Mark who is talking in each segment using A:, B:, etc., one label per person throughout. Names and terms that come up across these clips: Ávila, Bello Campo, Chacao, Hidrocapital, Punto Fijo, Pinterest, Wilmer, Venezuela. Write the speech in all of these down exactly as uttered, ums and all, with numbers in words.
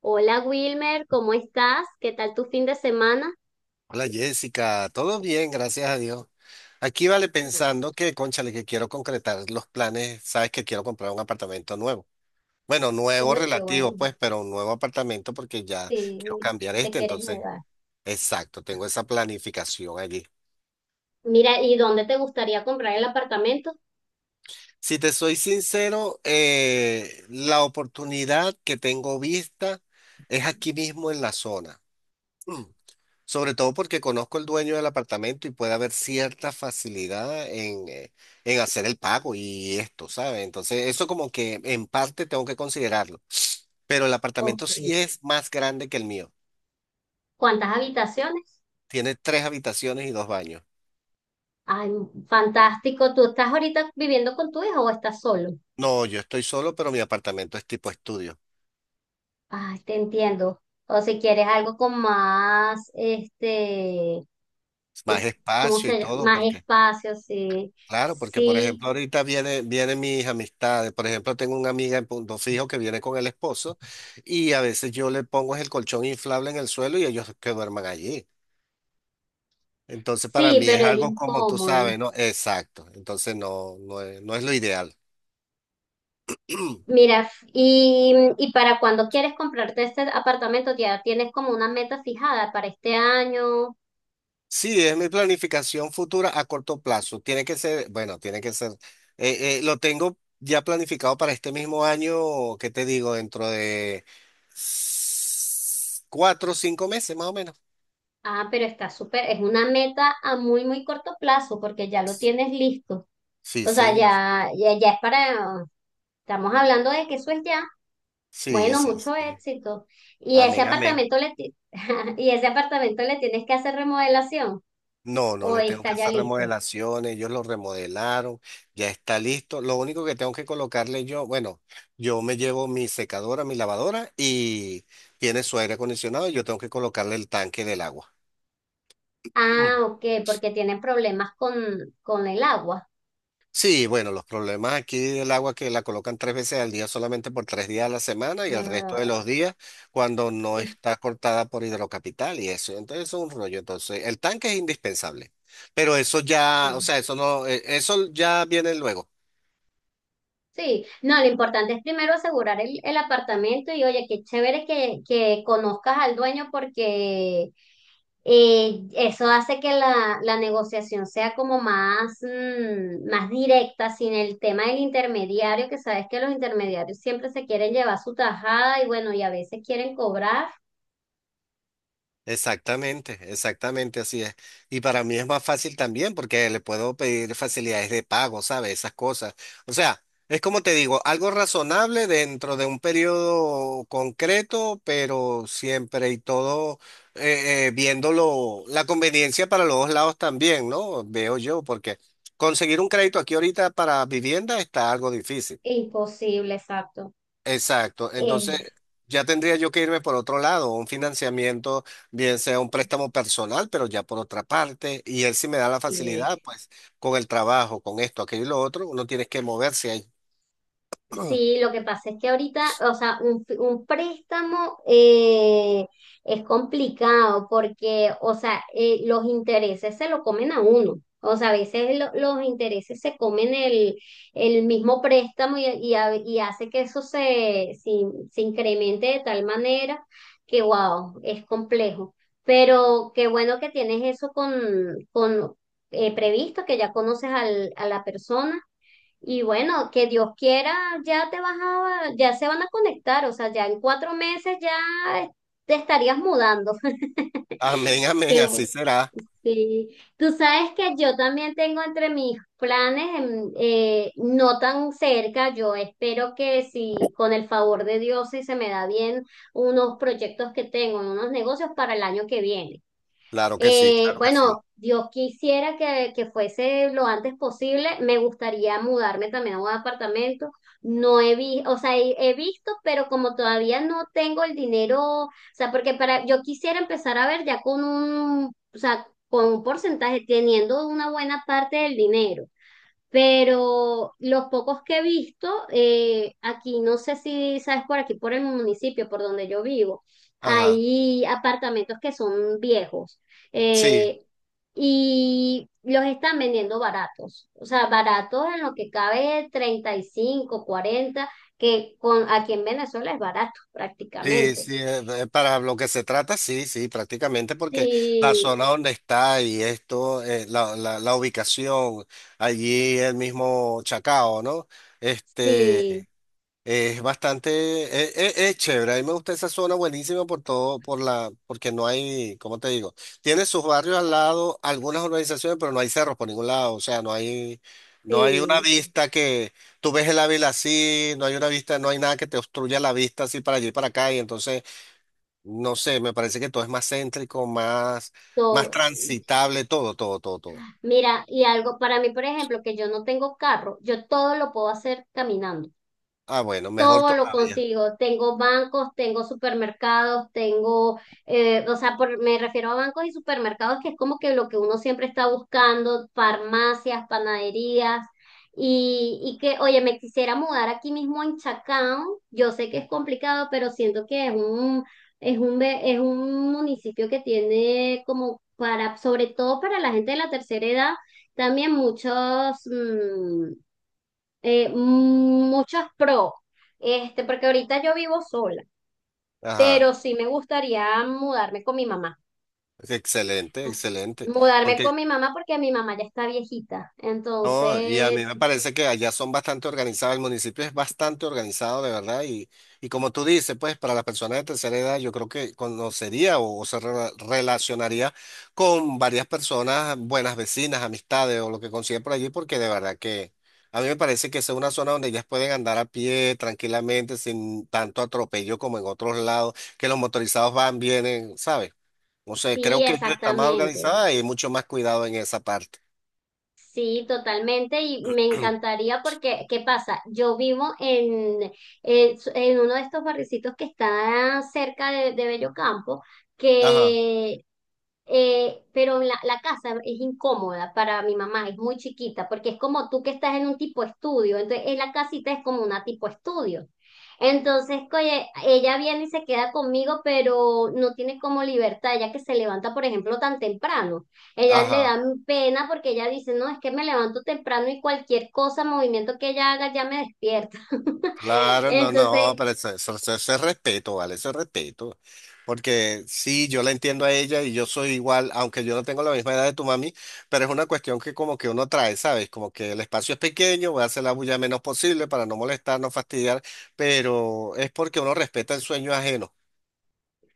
A: Hola Wilmer, ¿cómo estás? ¿Qué tal tu fin de semana?
B: Hola Jessica, todo bien, gracias a Dios. Aquí vale
A: Ajá.
B: pensando que, cónchale, que quiero concretar los planes, sabes que quiero comprar un apartamento nuevo. Bueno, nuevo
A: Uy, qué
B: relativo,
A: bueno.
B: pues, pero un nuevo apartamento porque ya quiero
A: Sí,
B: cambiar
A: ¿te
B: este,
A: quieres
B: entonces,
A: mudar?
B: exacto, tengo esa planificación allí.
A: Mira, ¿y dónde te gustaría comprar el apartamento?
B: Si te soy sincero, eh, la oportunidad que tengo vista es aquí mismo en la zona. Sobre todo porque conozco el dueño del apartamento y puede haber cierta facilidad en, eh, en hacer el pago y esto, ¿sabes? Entonces, eso como que en parte tengo que considerarlo. Pero el
A: Ok.
B: apartamento sí es más grande que el mío.
A: ¿Cuántas habitaciones?
B: Tiene tres habitaciones y dos baños.
A: Ay, fantástico. ¿Tú estás ahorita viviendo con tu hijo o estás solo?
B: No, yo estoy solo, pero mi apartamento es tipo estudio.
A: Ay, te entiendo. O si quieres algo con más, este,
B: Es más
A: ¿cómo
B: espacio y
A: se llama?
B: todo,
A: Más
B: porque
A: espacio, sí.
B: claro, porque por
A: Sí,
B: ejemplo ahorita viene, vienen mis amistades, por ejemplo tengo una amiga en Punto Fijo que viene con el esposo y a veces yo le pongo el colchón inflable en el suelo y ellos que duerman allí. Entonces para
A: sí,
B: mí es
A: pero es
B: algo como tú
A: incómodo.
B: sabes, ¿no? Exacto, entonces no, no es, no es lo ideal.
A: Mira, y, y para cuando quieres comprarte este apartamento, ya tienes como una meta fijada para este año.
B: Sí, es mi planificación futura a corto plazo. Tiene que ser, bueno, tiene que ser, eh, eh, lo tengo ya planificado para este mismo año, ¿qué te digo? Dentro de s- cuatro o cinco meses más o menos.
A: Ah, pero está súper, es una meta a muy, muy corto plazo porque ya lo tienes listo.
B: Sí,
A: O sea,
B: señor.
A: ya, ya, ya es para, estamos hablando de que eso es ya.
B: Sí,
A: Bueno,
B: sí,
A: mucho
B: sí.
A: éxito. ¿Y ese
B: Amén, amén.
A: apartamento le, ti- y ese apartamento le tienes que hacer remodelación
B: No, no
A: o
B: le tengo que
A: está ya
B: hacer
A: listo?
B: remodelaciones, ellos lo remodelaron, ya está listo. Lo único que tengo que colocarle yo, bueno, yo me llevo mi secadora, mi lavadora y tiene su aire acondicionado y yo tengo que colocarle el tanque del agua.
A: Ah, ok, porque tienen problemas con, con el agua.
B: Sí, bueno, los problemas aquí del agua que la colocan tres veces al día solamente por tres días a la semana y el resto de
A: Ah,
B: los días cuando no
A: eh,
B: está cortada por Hidrocapital y eso. Entonces eso es un rollo. Entonces, el tanque es indispensable. Pero eso ya, o
A: sí.
B: sea, eso no, eh, eso ya viene luego.
A: Sí, no, lo importante es primero asegurar el, el apartamento y oye, qué chévere que, que conozcas al dueño porque eh, eso hace que la, la negociación sea como más, mm, más directa, sin el tema del intermediario, que sabes que los intermediarios siempre se quieren llevar su tajada y bueno, y a veces quieren cobrar.
B: Exactamente, exactamente así es. Y para mí es más fácil también porque le puedo pedir facilidades de pago, ¿sabes? Esas cosas. O sea, es como te digo, algo razonable dentro de un periodo concreto, pero siempre y todo eh, eh, viéndolo, la conveniencia para los dos lados también, ¿no? Veo yo, porque conseguir un crédito aquí ahorita para vivienda está algo difícil.
A: Imposible, exacto.
B: Exacto. Entonces,
A: Eh,
B: ya tendría yo que irme por otro lado, un financiamiento, bien sea un préstamo personal, pero ya por otra parte, y él sí me da la
A: sí,
B: facilidad, pues, con el trabajo, con esto, aquello y lo otro, uno tiene que moverse ahí.
A: sí, lo que pasa es que ahorita, o sea, un, fi- un préstamo eh, es complicado porque, o sea, eh, los intereses se lo comen a uno. O sea, a veces lo- los intereses se comen el, el mismo préstamo y, y, a- y hace que eso se, se, se incremente de tal manera que, wow, es complejo. Pero qué bueno que tienes eso con, con eh, previsto, que ya conoces al, a la persona y bueno, que Dios quiera, ya te vas a, ya se van a conectar, o sea, ya en cuatro meses ya te estarías mudando.
B: Amén, amén,
A: Qué bueno.
B: así será.
A: Sí. Tú sabes que yo también tengo entre mis planes, em, eh, no tan cerca, yo espero que si con el favor de Dios, si se me da bien, unos proyectos que tengo, unos negocios para el año que viene.
B: Claro que sí,
A: Eh,
B: claro que sí.
A: bueno, Dios quisiera que, que fuese lo antes posible. Me gustaría mudarme también a un apartamento. No he visto, o sea, he, he visto, pero como todavía no tengo el dinero, o sea, porque para, yo quisiera empezar a ver ya con un, o sea, con un porcentaje, teniendo una buena parte del dinero. Pero los pocos que he visto, eh, aquí no sé si sabes por aquí, por el municipio, por donde yo vivo,
B: Ajá.
A: hay apartamentos que son viejos
B: Sí,
A: eh, y los están vendiendo baratos. O sea, baratos en lo que cabe treinta y cinco cuarenta que con, aquí en Venezuela es barato
B: sí,
A: prácticamente.
B: sí, eh, eh, para lo que se trata, sí, sí, prácticamente porque la
A: Sí,
B: zona donde está y esto, eh, la, la, la ubicación, allí el mismo Chacao, ¿no? Este.
A: sí,
B: Es bastante, es, es- es chévere. A mí me gusta esa zona buenísima por todo, por la, porque no hay, ¿cómo te digo? Tiene sus barrios al lado, algunas urbanizaciones, pero no hay cerros por ningún lado. O sea, no hay, no hay una
A: sí.
B: vista que tú ves el Ávila así, no hay una vista, no hay nada que te obstruya la vista así para allí y para acá. Y entonces, no sé, me parece que todo es más céntrico, más, más
A: Todo,
B: transitable, todo, todo, todo, todo.
A: Mira, y algo para mí, por ejemplo, que yo no tengo carro, yo todo lo puedo hacer caminando.
B: Ah, bueno, mejor
A: Todo lo
B: todavía.
A: consigo. Tengo bancos, tengo supermercados, tengo, eh, o sea, por- me refiero a bancos y supermercados, que es como que lo que uno siempre está buscando, farmacias, panaderías, y, y que, oye, me quisiera mudar aquí mismo en Chacao. Yo sé que es complicado, pero siento que es un, es un, ve- es un municipio que tiene como para, sobre todo para la gente de la tercera edad, también muchos, mm, eh, muchos pro, este, porque ahorita yo vivo sola,
B: Ajá.
A: pero sí me gustaría mudarme con mi mamá.
B: Excelente, excelente.
A: Mudarme con mi mamá porque mi mamá ya está viejita.
B: No, y a mí
A: Entonces,
B: me parece que allá son bastante organizados, el municipio es bastante organizado de verdad y, y como tú dices, pues para las personas de tercera edad yo creo que conocería o, o se rela- relacionaría con varias personas, buenas vecinas, amistades o lo que consigue por allí, porque de verdad que a mí me parece que esa es una zona donde ellas pueden andar a pie tranquilamente sin tanto atropello como en otros lados, que los motorizados van, vienen, ¿sabes? No sé,
A: sí,
B: creo que yo está más
A: exactamente.
B: organizada y hay mucho más cuidado en esa parte.
A: Sí, totalmente. Y me encantaría porque, ¿qué pasa? Yo vivo en, en, en uno de estos barricitos que está cerca de, de Bello Campo,
B: Ajá,
A: que Eh, pero la, la casa es incómoda para mi mamá, es muy chiquita, porque es como tú que estás en un tipo estudio, entonces eh, la casita es como una tipo estudio. Entonces, oye, ella viene y se queda conmigo, pero no tiene como libertad, ya que se levanta, por ejemplo, tan temprano. Ella le
B: ajá.
A: da pena porque ella dice, no, es que me levanto temprano y cualquier cosa, movimiento que ella haga, ya me despierta.
B: Claro, no, no,
A: Entonces,
B: pero eso, eso- eso- eso es respeto, ¿vale? Eso es respeto. Porque sí, yo la entiendo a ella y yo soy igual, aunque yo no tengo la misma edad de tu mami, pero es una cuestión que como que uno trae, ¿sabes? Como que el espacio es pequeño, voy a hacer la bulla menos posible para no molestar, no fastidiar, pero es porque uno respeta el sueño ajeno.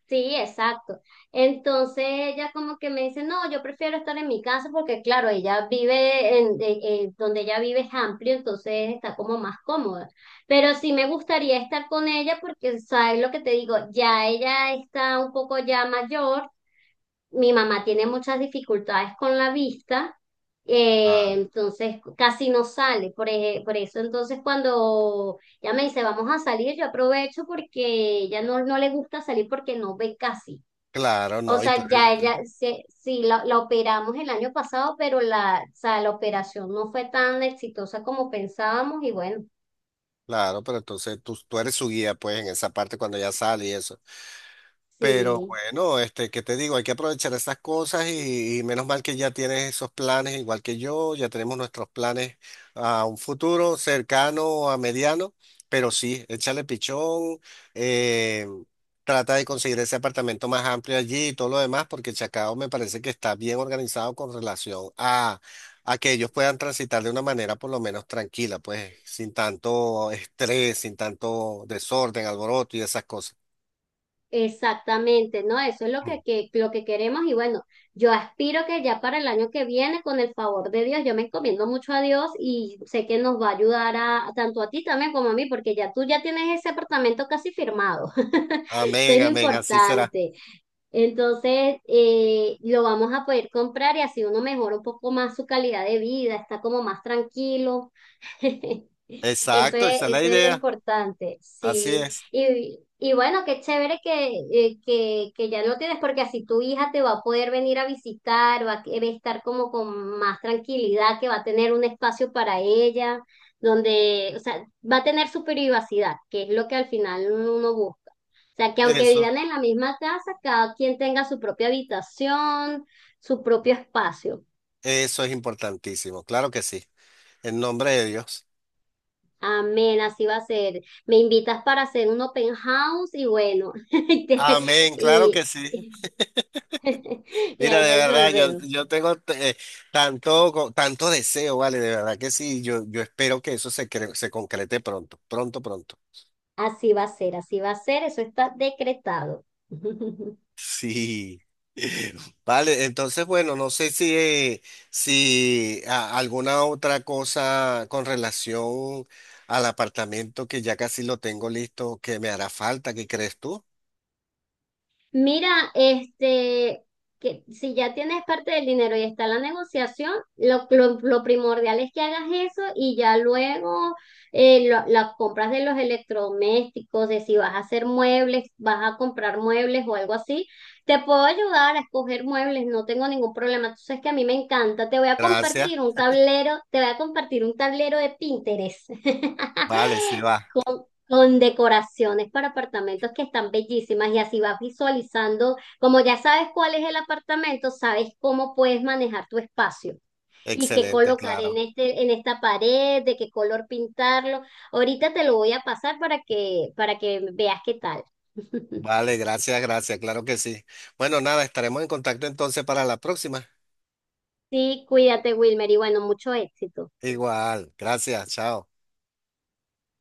A: sí, exacto. Entonces ella como que me dice, no, yo prefiero estar en mi casa porque claro, ella vive en, de- eh, donde ella vive es amplio, entonces está como más cómoda. Pero sí me gustaría estar con ella porque, ¿sabes lo que te digo? Ya ella está un poco ya mayor. Mi mamá tiene muchas dificultades con la vista, eh,
B: Ah,
A: entonces casi no sale. Por, eje- por eso entonces cuando ya me dice vamos a salir, yo aprovecho porque ella no, no le gusta salir porque no ve casi.
B: claro,
A: O
B: no, y tú
A: sea,
B: eres,
A: ya ella, se, sí, la, la operamos el año pasado, pero la, o sea, la operación no fue tan exitosa como pensábamos y bueno,
B: claro, pero entonces tú, tú eres su guía, pues, en esa parte cuando ella sale y eso. Pero
A: sí.
B: bueno, este, ¿qué te digo? Hay que aprovechar esas cosas y, y menos mal que ya tienes esos planes igual que yo, ya tenemos nuestros planes a un futuro cercano, a mediano, pero sí, échale pichón, eh, trata de conseguir ese apartamento más amplio allí y todo lo demás, porque Chacao me parece que está bien organizado con relación a, a que ellos puedan transitar de una manera por lo menos tranquila, pues sin tanto estrés, sin tanto desorden, alboroto y esas cosas.
A: Exactamente, ¿no? Eso es lo que, que- lo que queremos y bueno, yo aspiro que ya para el año que viene, con el favor de Dios, yo me encomiendo mucho a Dios y sé que nos va a ayudar a, tanto a ti también como a mí, porque ya tú ya tienes ese apartamento casi firmado. Eso es
B: Amén,
A: lo
B: amén, así será.
A: importante. Entonces, eh, lo vamos a poder comprar y así uno mejora un poco más su calidad de vida, está como más tranquilo. Eso
B: Exacto, esa
A: es,
B: es la
A: eso es lo
B: idea.
A: importante,
B: Así
A: sí.
B: es.
A: Y, y bueno, qué chévere que, eh, que, que ya lo tienes, porque así tu hija te va a poder venir a visitar, va a, que- va a estar como con más tranquilidad, que va a tener un espacio para ella, donde, o sea, va a tener su privacidad, que es lo que al final uno busca. O sea, que aunque
B: Eso,
A: vivan en la misma casa, cada quien tenga su propia habitación, su propio espacio.
B: eso es importantísimo. Claro que sí. En nombre de Dios.
A: Amén, así va a ser. Me invitas para hacer un open house y bueno, y, te-
B: Amén, claro
A: y-
B: que sí.
A: y
B: Mira,
A: ahí
B: de verdad, yo,
A: resolvemos.
B: yo tengo eh, tanto, co- tanto deseo, vale, de verdad que sí. Yo, yo espero que eso se, cre- se concrete pronto, pronto, pronto.
A: Así va a ser, así va a ser, eso está decretado.
B: Sí. Vale, entonces, bueno, no sé si, eh, si a- alguna otra cosa con relación al apartamento que ya casi lo tengo listo, que me hará falta, ¿qué crees tú?
A: Mira, este, que si ya tienes parte del dinero y está la negociación, lo, lo- lo primordial es que hagas eso y ya luego eh, lo- las compras de los electrodomésticos, de si vas a hacer muebles, vas a comprar muebles o algo así, te puedo ayudar a escoger muebles, no tengo ningún problema. Tú sabes que a mí me encanta, te voy a
B: Gracias.
A: compartir un tablero, te voy a compartir un tablero de Pinterest.
B: Vale, sí va.
A: con decoraciones para apartamentos que están bellísimas y así vas visualizando, como ya sabes cuál es el apartamento, sabes cómo puedes manejar tu espacio y qué
B: Excelente,
A: colocar en
B: claro.
A: este, en esta pared, de qué color pintarlo. Ahorita te lo voy a pasar para que, para que veas qué tal.
B: Vale, gracias, gracias, claro que sí. Bueno, nada, estaremos en contacto entonces para la próxima.
A: Sí, cuídate, Wilmer, y bueno, mucho éxito.
B: Igual, gracias, chao.